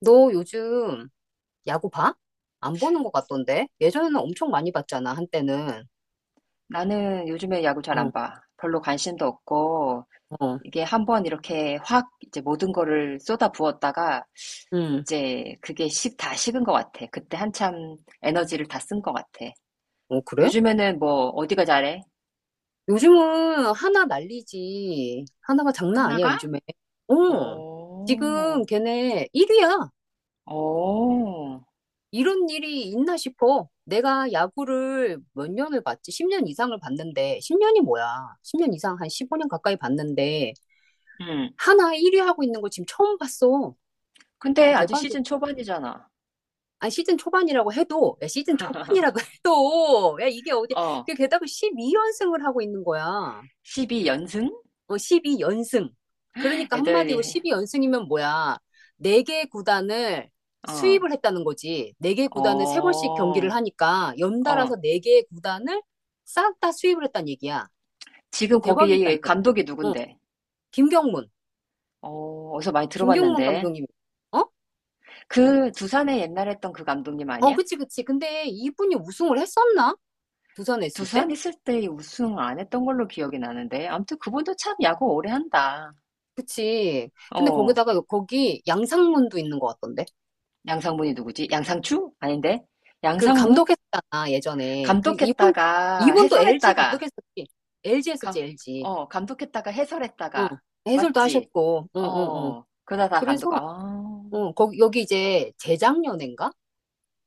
너 요즘 야구 봐? 안 보는 것 같던데? 예전에는 엄청 많이 봤잖아, 한때는. 나는 요즘에 야구 잘 어, 안 봐. 별로 관심도 없고, 어, 이게 한번 이렇게 확 이제 모든 거를 쏟아부었다가, 응. 이제 그게 다 식은 것 같아. 그때 한참 에너지를 다 쓴 것 같아. 어, 그래? 요즘에는 뭐, 어디가 잘해? 요즘은 하나 난리지. 하나가 장난 아니야, 하나가? 요즘에. 어, 오, 지금 걔네 1위야. 오, 이런 일이 있나 싶어. 내가 야구를 몇 년을 봤지? 10년 이상을 봤는데, 10년이 뭐야? 10년 이상, 한 15년 가까이 봤는데, 음. 하나 1위 하고 있는 거 지금 처음 봤어. 근데 아직 대박. 시즌 초반이잖아. 아니 시즌 초반이라고 해도 야, 시즌 초반이라고 해도 야 이게 어디 어, 그 게다가 12연승을 하고 있는 거야. 12연승? 어 12연승. 그러니까 애들, 한마디로 이 12연승이면 뭐야? 네 개 구단을 어, 수입을 했다는 거지. 네 개 구단을 세 번씩 경기를 어, 하니까 어. 연달아서 네 개의 구단을 싹 다 수입을 했다는 얘기야. 지금 대박이다 거기 진짜. 감독이 어 누군데? 김경문. 어, 어디서 많이 김경문 들어봤는데. 감독님. 어? 그 두산에 옛날에 했던 그 감독님 어 아니야? 그치 그치. 근데 이분이 우승을 했었나? 부산에 있을 때? 두산 있을 때 우승 안 했던 걸로 기억이 나는데. 아무튼 그분도 참 야구 오래 한다. 그치. 근데 어, 거기다가 거기 양상문도 있는 것 같던데. 양상문이 누구지? 양상추? 아닌데? 그 양상문? 감독했잖아, 예전에. 그 이분 감독했다가 이분도 LG 해설했다가 감독했었지. LG 감, 했었지, LG. 감독했다가 응. 해설했다가 해설도 맞지? 하셨고. 응, 응, 응. 어, 그래서 응, 거기 여기 이제 재작년인가?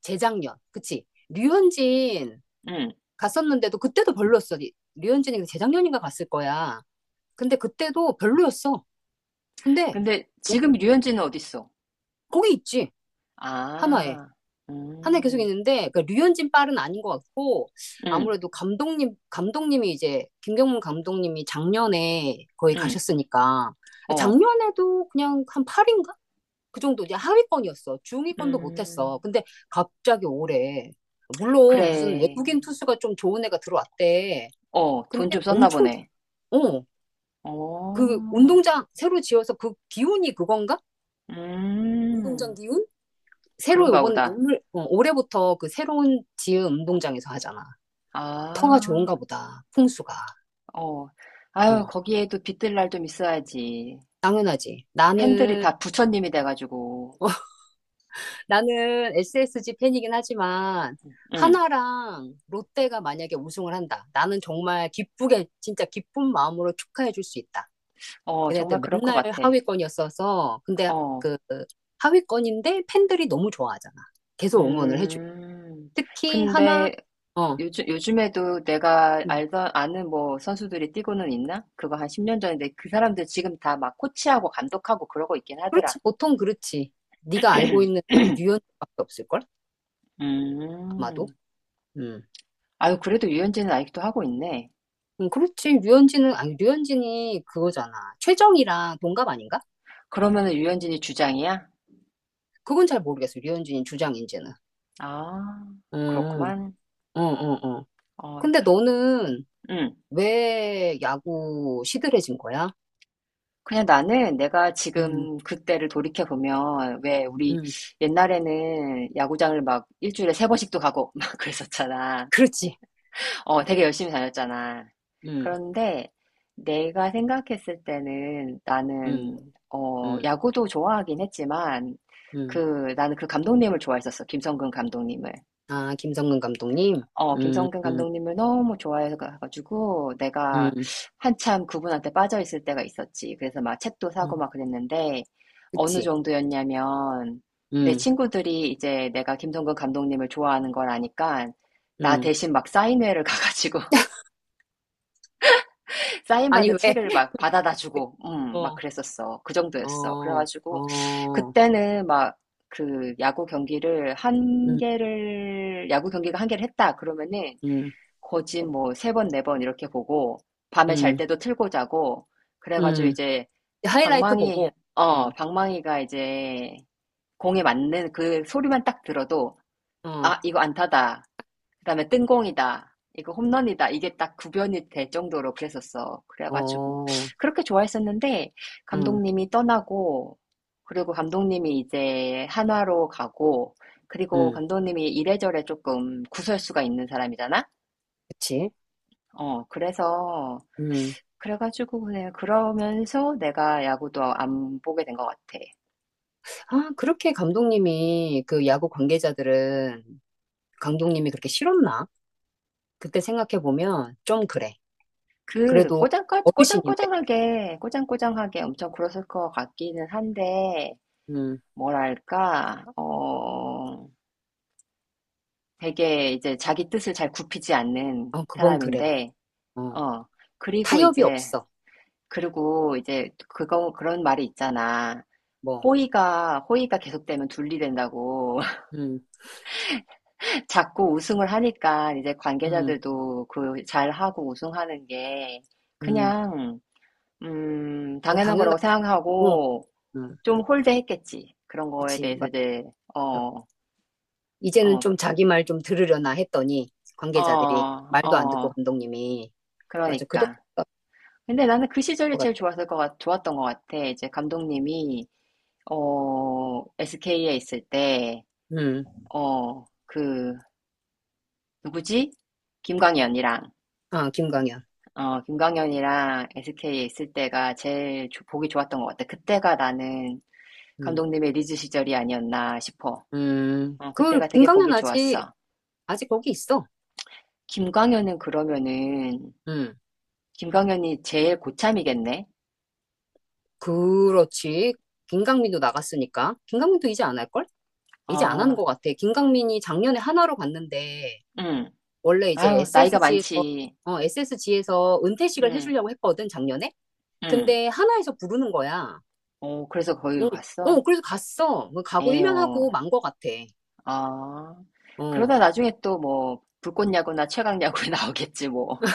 재작년. 그치. 류현진 응. 갔었는데도 그때도 별로였어. 류현진이 재작년인가 갔을 거야. 근데 그때도 별로였어. 근데 근데 어, 지금 류현진은 어딨어? 거기 있지. 한화에. 아, 한 해 계속 음, 있는데 그러니까 류현진 빨은 아닌 것 같고 응, 아무래도 감독님이 이제 김경문 감독님이 작년에 거의 응, 가셨으니까 어. 작년에도 그냥 한 8인가? 그 정도 이제 하위권이었어. 중위권도 음. 못했어. 근데 갑자기 올해 물론 무슨 그래. 외국인 투수가 좀 좋은 애가 들어왔대. 어, 돈 근데 좀 썼나 엄청 잘- 보네. 어, 그 어. 운동장 새로 지어서 그 기운이 그건가? 운동장 음. 기운? 새로 그런가 요번 보다. 오늘 어, 올해부터 그 새로운 지은 운동장에서 하잖아. 터가 아. 좋은가 보다. 풍수가. 어. 아유, 어, 거기에도 빚들 날 좀 있어야지. 당연하지. 팬들이 나는, 다 부처님이 돼가지고. 나는 SSG 팬이긴 하지만, 응. 하나랑 롯데가 만약에 우승을 한다. 나는 정말 기쁘게, 진짜 기쁜 마음으로 축하해 줄 수 있다. 어, 정말 걔네들 그럴 것 맨날 같아. 하위권이었어서, 근데 어. 그, 하위권인데 팬들이 너무 좋아하잖아. 계속 응원을 해주고. 음. 특히 하나, 근데 어, 요즘에도 내가 음. 아는 뭐 선수들이 뛰고는 있나? 그거 한 10년 전인데 그 사람들 지금 다 막 코치하고 감독하고 그러고 있긴 하더라. 그렇지. 보통 그렇지. 네가 알고 있는 뉴욕밖에 없을걸? 아마도. 음. 음. 아유, 그래도 유현진은 아직도 하고 있네. 그렇지. 류현진은, 아니, 류현진이 그거잖아. 최정이랑 동갑 아닌가? 그러면은 유현진이 주장이야? 그건 잘 모르겠어. 류현진이 주장인지는. 아, 응 그렇구만. 응, 응, 응. 어, 근데 너는 음. 왜 야구 시들해진 거야? 그냥 나는 내가 응. 지금 그때를 돌이켜보면, 왜 우리 응 옛날에는 야구장을 막 일주일에 세 번씩도 가고 막 그랬었잖아. 그렇지. 어, 되게 열심히 다녔잖아. 응. 그런데 내가 생각했을 때는 응 나는, 응 야구도 좋아하긴 했지만, 응 그, 나는 그 감독님을 좋아했었어. 김성근 감독님을. 아, 김성근 감독님? 어 응. 김성근 응 감독님을 너무 좋아해 가 가지고 내가 응 한참 그분한테 빠져 있을 때가 있었지. 그래서 막 책도 응 사고 막 그랬는데 어느 그치. 정도였냐면 내 응. 친구들이 이제 내가 김성근 감독님을 좋아하는 걸 아니까 나 응 대신 막 사인회를 가 가지고 아니, 사인받은 왜? 책을 막 받아다 주고 막 어, 그랬었어. 그 정도였어. 그래 어, 가지고 어. 그때는 막 그 응. 야구 경기가 한 개를 했다 그러면은 응. 거진 뭐 3번 4번 이렇게 보고 밤에 잘 응 때도 틀고 자고 그래 가지고 응 이제 하이라이트 방망이 보고. 응. 방망이가 이제 공에 맞는 그 소리만 딱 들어도 어. 아, 이거 안타다. 그다음에 뜬공이다. 이거 홈런이다. 이게 딱 구별이 될 정도로 그랬었어. 그래 가지고 어, 그렇게 좋아했었는데 응, 감독님이 떠나고 그리고 감독님이 이제 한화로 가고 그리고 응, 감독님이 이래저래 조금 구설수가 있는 사람이잖아. 그치. 어, 그래서 응. 그래 가지고 그냥 그러면서 내가 야구도 안 보게 된 것 같아. 아, 그렇게 감독님이, 그 야구 관계자들은 감독님이 그렇게 싫었나? 그때 생각해보면 좀 그래. 그 그래도 꼬장꼬 어르신인데, 꼬장꼬장하게 꼬장꼬장하게 엄청 굴었을 것 같기는 한데 응, 뭐랄까 되게 이제 자기 뜻을 잘 굽히지 않는 어, 그건 그래. 사람인데 어, 어 그리고 타협이 이제 없어. 그리고 이제 그거 그런 말이 있잖아. 뭐, 호의가 계속되면 둘리 된다고. 응, 자꾸 우승을 하니까 이제 응, 관계자들도 그 잘하고 우승하는 게 응. 그냥 뭐, 당연한 거라고 당연하고, 생각하고 응, 좀 홀대했겠지. 그런 거에 그치. 대해서 맞죠. 이제 어, 이제는 어, 좀 자기 말 좀 들으려나 했더니, 관계자들이 어, 말도 안 듣고 어, 감독님이. 맞아. 그랬을 그러니까. 것 근데 나는 그 시절이 같아. 제일 좋았던 것 같아. 이제 감독님이 SK에 있을 때 응, 어, 그 누구지? 김광현이랑 아, 김광현. 김광현이랑 SK에 있을 때가 제일 보기 좋았던 것 같아. 그때가 나는 응. 감독님의 리즈 시절이 아니었나 싶어. 어, 그, 그때가 되게 김강현 보기 아직, 좋았어. 아직 거기 있어. 김광현은 그러면은, 음, 김광현이 제일 고참이겠네? 그렇지. 김강민도 나갔으니까. 김강민도 이제 안 할걸? 이제 안 하는 어, 것 같아. 김강민이 작년에 하나로 갔는데, 응. 원래 이제 아유, 나이가 SSG에서, 많지. 어, SSG에서 은퇴식을 응, 해주려고 했거든, 작년에? 응. 근데 하나에서 부르는 거야. 어, 그래서 거기로 응, 어, 갔어? 그래서 갔어. 뭐 가고 1년 에요. 하고 만 것 같아. 아. 어, 그러다 나중에 또 뭐, 불꽃야구나 최강야구에 나오겠지, 뭐.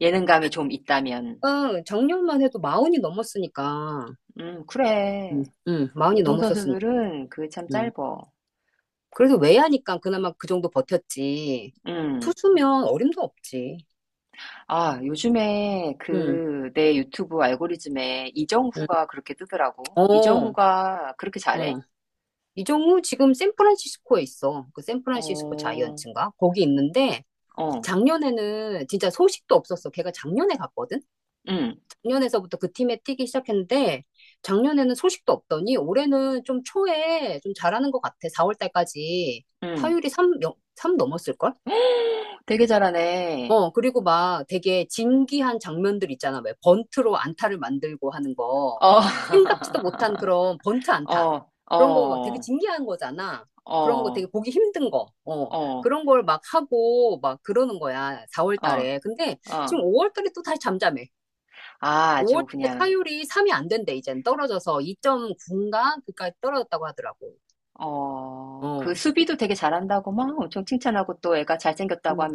예능감이 좀 있다면. 어, 작년만 해도 마흔이 넘었으니까. 그래. 응, 응, 마흔이 넘었었으니까. 운동선수들은 그게 참 짧어. 그래서 왜 하니까 그나마 그 정도 버텼지. 음. 투수면 어림도 없지. 아, 요즘에 응, 그 내 유튜브 알고리즘에 응. 이정후가 그렇게 뜨더라고. 어, 이정후가 그렇게 잘해? 어. 이정우 지금 샌프란시스코에 있어. 그 샌프란시스코 어, 자이언츠인가? 거기 있는데 어, 작년에는 진짜 소식도 없었어. 걔가 작년에 갔거든? 음, 작년에서부터 그 팀에 뛰기 시작했는데 작년에는 소식도 없더니 올해는 좀 초에 좀 잘하는 것 같아. 4월 달까지 음. 타율이 3, 3 넘었을걸? 되게 잘하네. 어, 그리고 막 되게 진기한 장면들 있잖아. 왜 번트로 안타를 만들고 하는 거. 어, 생각지도 못한 그런 번트 안타. 어, 그런 거 막 되게 어, 진기한 거잖아. 그런 거 어, 되게 보기 힘든 거. 어, 어, 어, 그런 걸 막 하고 막 그러는 거야. 4월 어. 달에. 근데 지금 5월 달에 또 다시 잠잠해. 아, 5월 아주 달에 그냥, 타율이 3이 안 된대, 이젠. 떨어져서 2.9인가? 그까지 떨어졌다고 하더라고. 어, 그 어. 수비도 되게 잘한다고 막 엄청 칭찬하고 또 애가 잘생겼다고 음,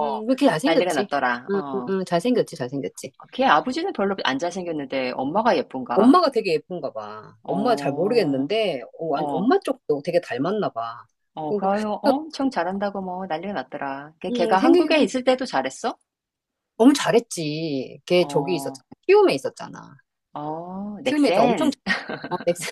왜 이렇게 난리가 잘생겼지? 났더라. 응, 응, 어, 응, 잘생겼지, 잘생겼지. 아, 걔 아버지는 별로 안 잘생겼는데 엄마가 예쁜가? 엄마가 되게 예쁜가 봐. 엄마 잘 어, 모르겠는데, 어, 어, 엄마 쪽도 되게 닮았나 봐. 어, 그리고, 그래요. 엄청 잘한다고 뭐 난리가 났더라. 걔, 걔가 생기기 한국에 있을 때도 잘했어? 너무 잘했지. 걔 저기 어, 있었잖아. 키움에 있었잖아. 어, 키움에서 엄청 넥센? 잘- 어, 넥센,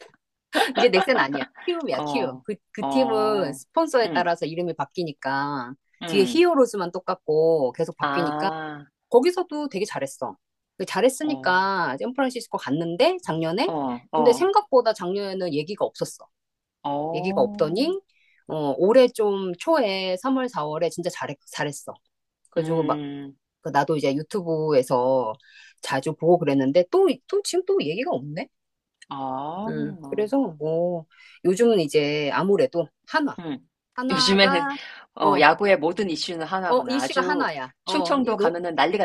이제 넥센 아니야. 키움이야, 키움. 어, 그, 그 팀은 어, 스폰서에 응, 따라서 이름이 바뀌니까, 뒤에 응. 히어로즈만 똑같고 계속 바뀌니까, 아, 거기서도 되게 잘했어. 그 어, 잘했으니까 샌프란시스코 갔는데, 작년에? 어, 근데 어, 생각보다 작년에는 얘기가 없었어. 얘기가 어, 없더니 어, 올해 좀 초에 3월, 4월에 진짜 잘했어. 그래가지고 막 음, 그 나도 이제 유튜브에서 자주 보고 그랬는데 또, 또 지금 또 얘기가 없네. 어. 그래서 뭐 요즘은 이제 아무래도 한화, 음. 요즘에는 한화가 어, 야구의 모든 이슈는 어, 하나구나. 이슈가 아주 한화야. 어, 이 충청도 노, 가면은 난리가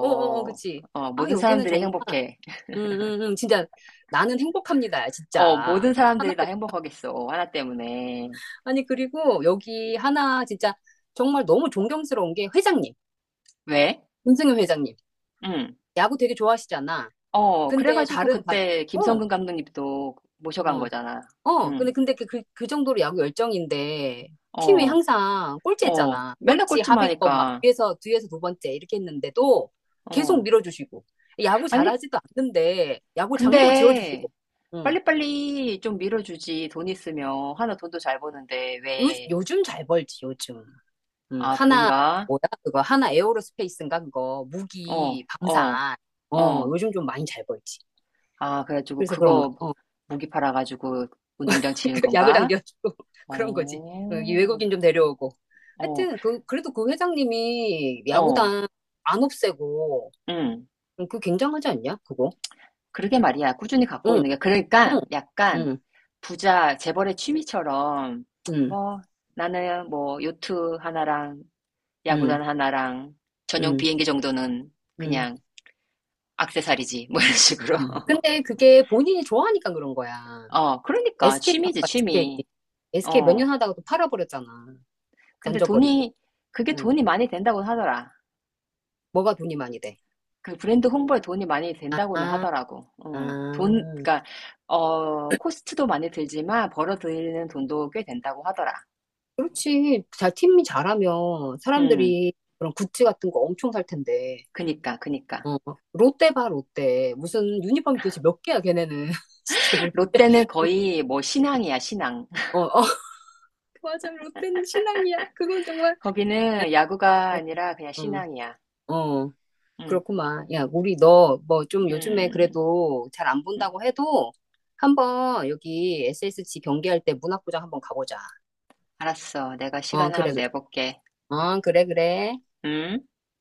어, 어, 어, 그치. 어, 아, 모든 여기는 사람들이 정말, 행복해. 음, 진짜 나는 행복합니다, 어, 진짜. 모든 하나, 사람들이 다 행복하겠어. 하나 때문에. 아니, 그리고 여기 하나 진짜 정말 너무 존경스러운 게 회장님. 왜? 문승윤 회장님, 응. 야구 되게 좋아하시잖아. 어, 근데 그래가지고 다른 바, 그때 어, 김성근 감독님도 모셔간 어, 거잖아. 어. 응. 근데 그, 그, 그 정도로 야구 열정인데 팀이 어, 항상 어. 꼴찌했잖아. 맨날 꼴찌 꼴찌만 하위권 막 하니까. 뒤에서 두 번째 이렇게 했는데도 계속 어. 밀어주시고 야구 아니, 잘하지도 않는데 야구장도 지어주시고. 근데 응. 빨리빨리 좀 밀어주지. 돈 있으면. 하나 돈도 잘 버는데. 왜? 요즘 잘 벌지 요즘. 응. 아, 하나 그런가? 뭐야 그거 하나 에어로스페이스인가 그거 어, 무기 어, 방산. 어 어. 요즘 좀 많이 잘 벌지. 아, 그래가지고 그래서 그런가. 그거 어. 무기 팔아가지고 운동장 지은 야구장 건가? 지어주고 그런 거지. 어, 이 어, 외국인 좀 데려오고. 어, 하여튼 그 그래도 그 회장님이 어, 야구단 안 없애고 응. 그 굉장하지 않냐? 그거. 그러게 말이야. 꾸준히 갖고 응, 있는 게. 그러니까 응, 약간 응, 부자 재벌의 취미처럼 응, 뭐 나는 뭐 요트 하나랑 응, 야구단 하나랑 전용 응, 비행기 정도는 응. 그냥 악세사리지 뭐 이런 식으로. 응. 근데 그게 본인이 좋아하니까 그런 거야. 어, 그러니까 SK 취미지, 바빠 SK. 취미. SK 몇 어. 년 하다가 또 팔아버렸잖아. 근데 던져버리고. 돈이 그게 응. 돈이 많이 된다고 하더라. 뭐가 돈이 많이 돼? 그 브랜드 홍보에 돈이 많이 된다고는 아, 하더라고. 응. 아. 그러니까 코스트도 많이 들지만 벌어들이는 돈도 꽤 된다고 하더라. 그렇지. 자, 팀이 잘하면 음 사람들이 그런 굿즈 같은 거 엄청 살 텐데. 그니까, 그니까. 어, 롯데 봐, 롯데. 무슨 유니폼 도대체 몇 개야, 걔네는. 진짜 롯데. 롯데는 거의 뭐 신앙이야, 신앙. 어, 어. 맞아, 롯데는 신앙이야. 그건 정말. 야, 거기는 야구가 아니라 그냥 응, 신앙이야. 어, 어, 응, 그렇구만. 야, 우리 너 뭐 좀 요즘에 음, 음. 그래도 잘 안 음. 본다고 해도 한번 여기 SSG 경기할 때 문학구장 한번 가보자. 알았어. 내가 어, 시간 한면 그래, 그래. 내볼게. 어, 그래, 그래. 음.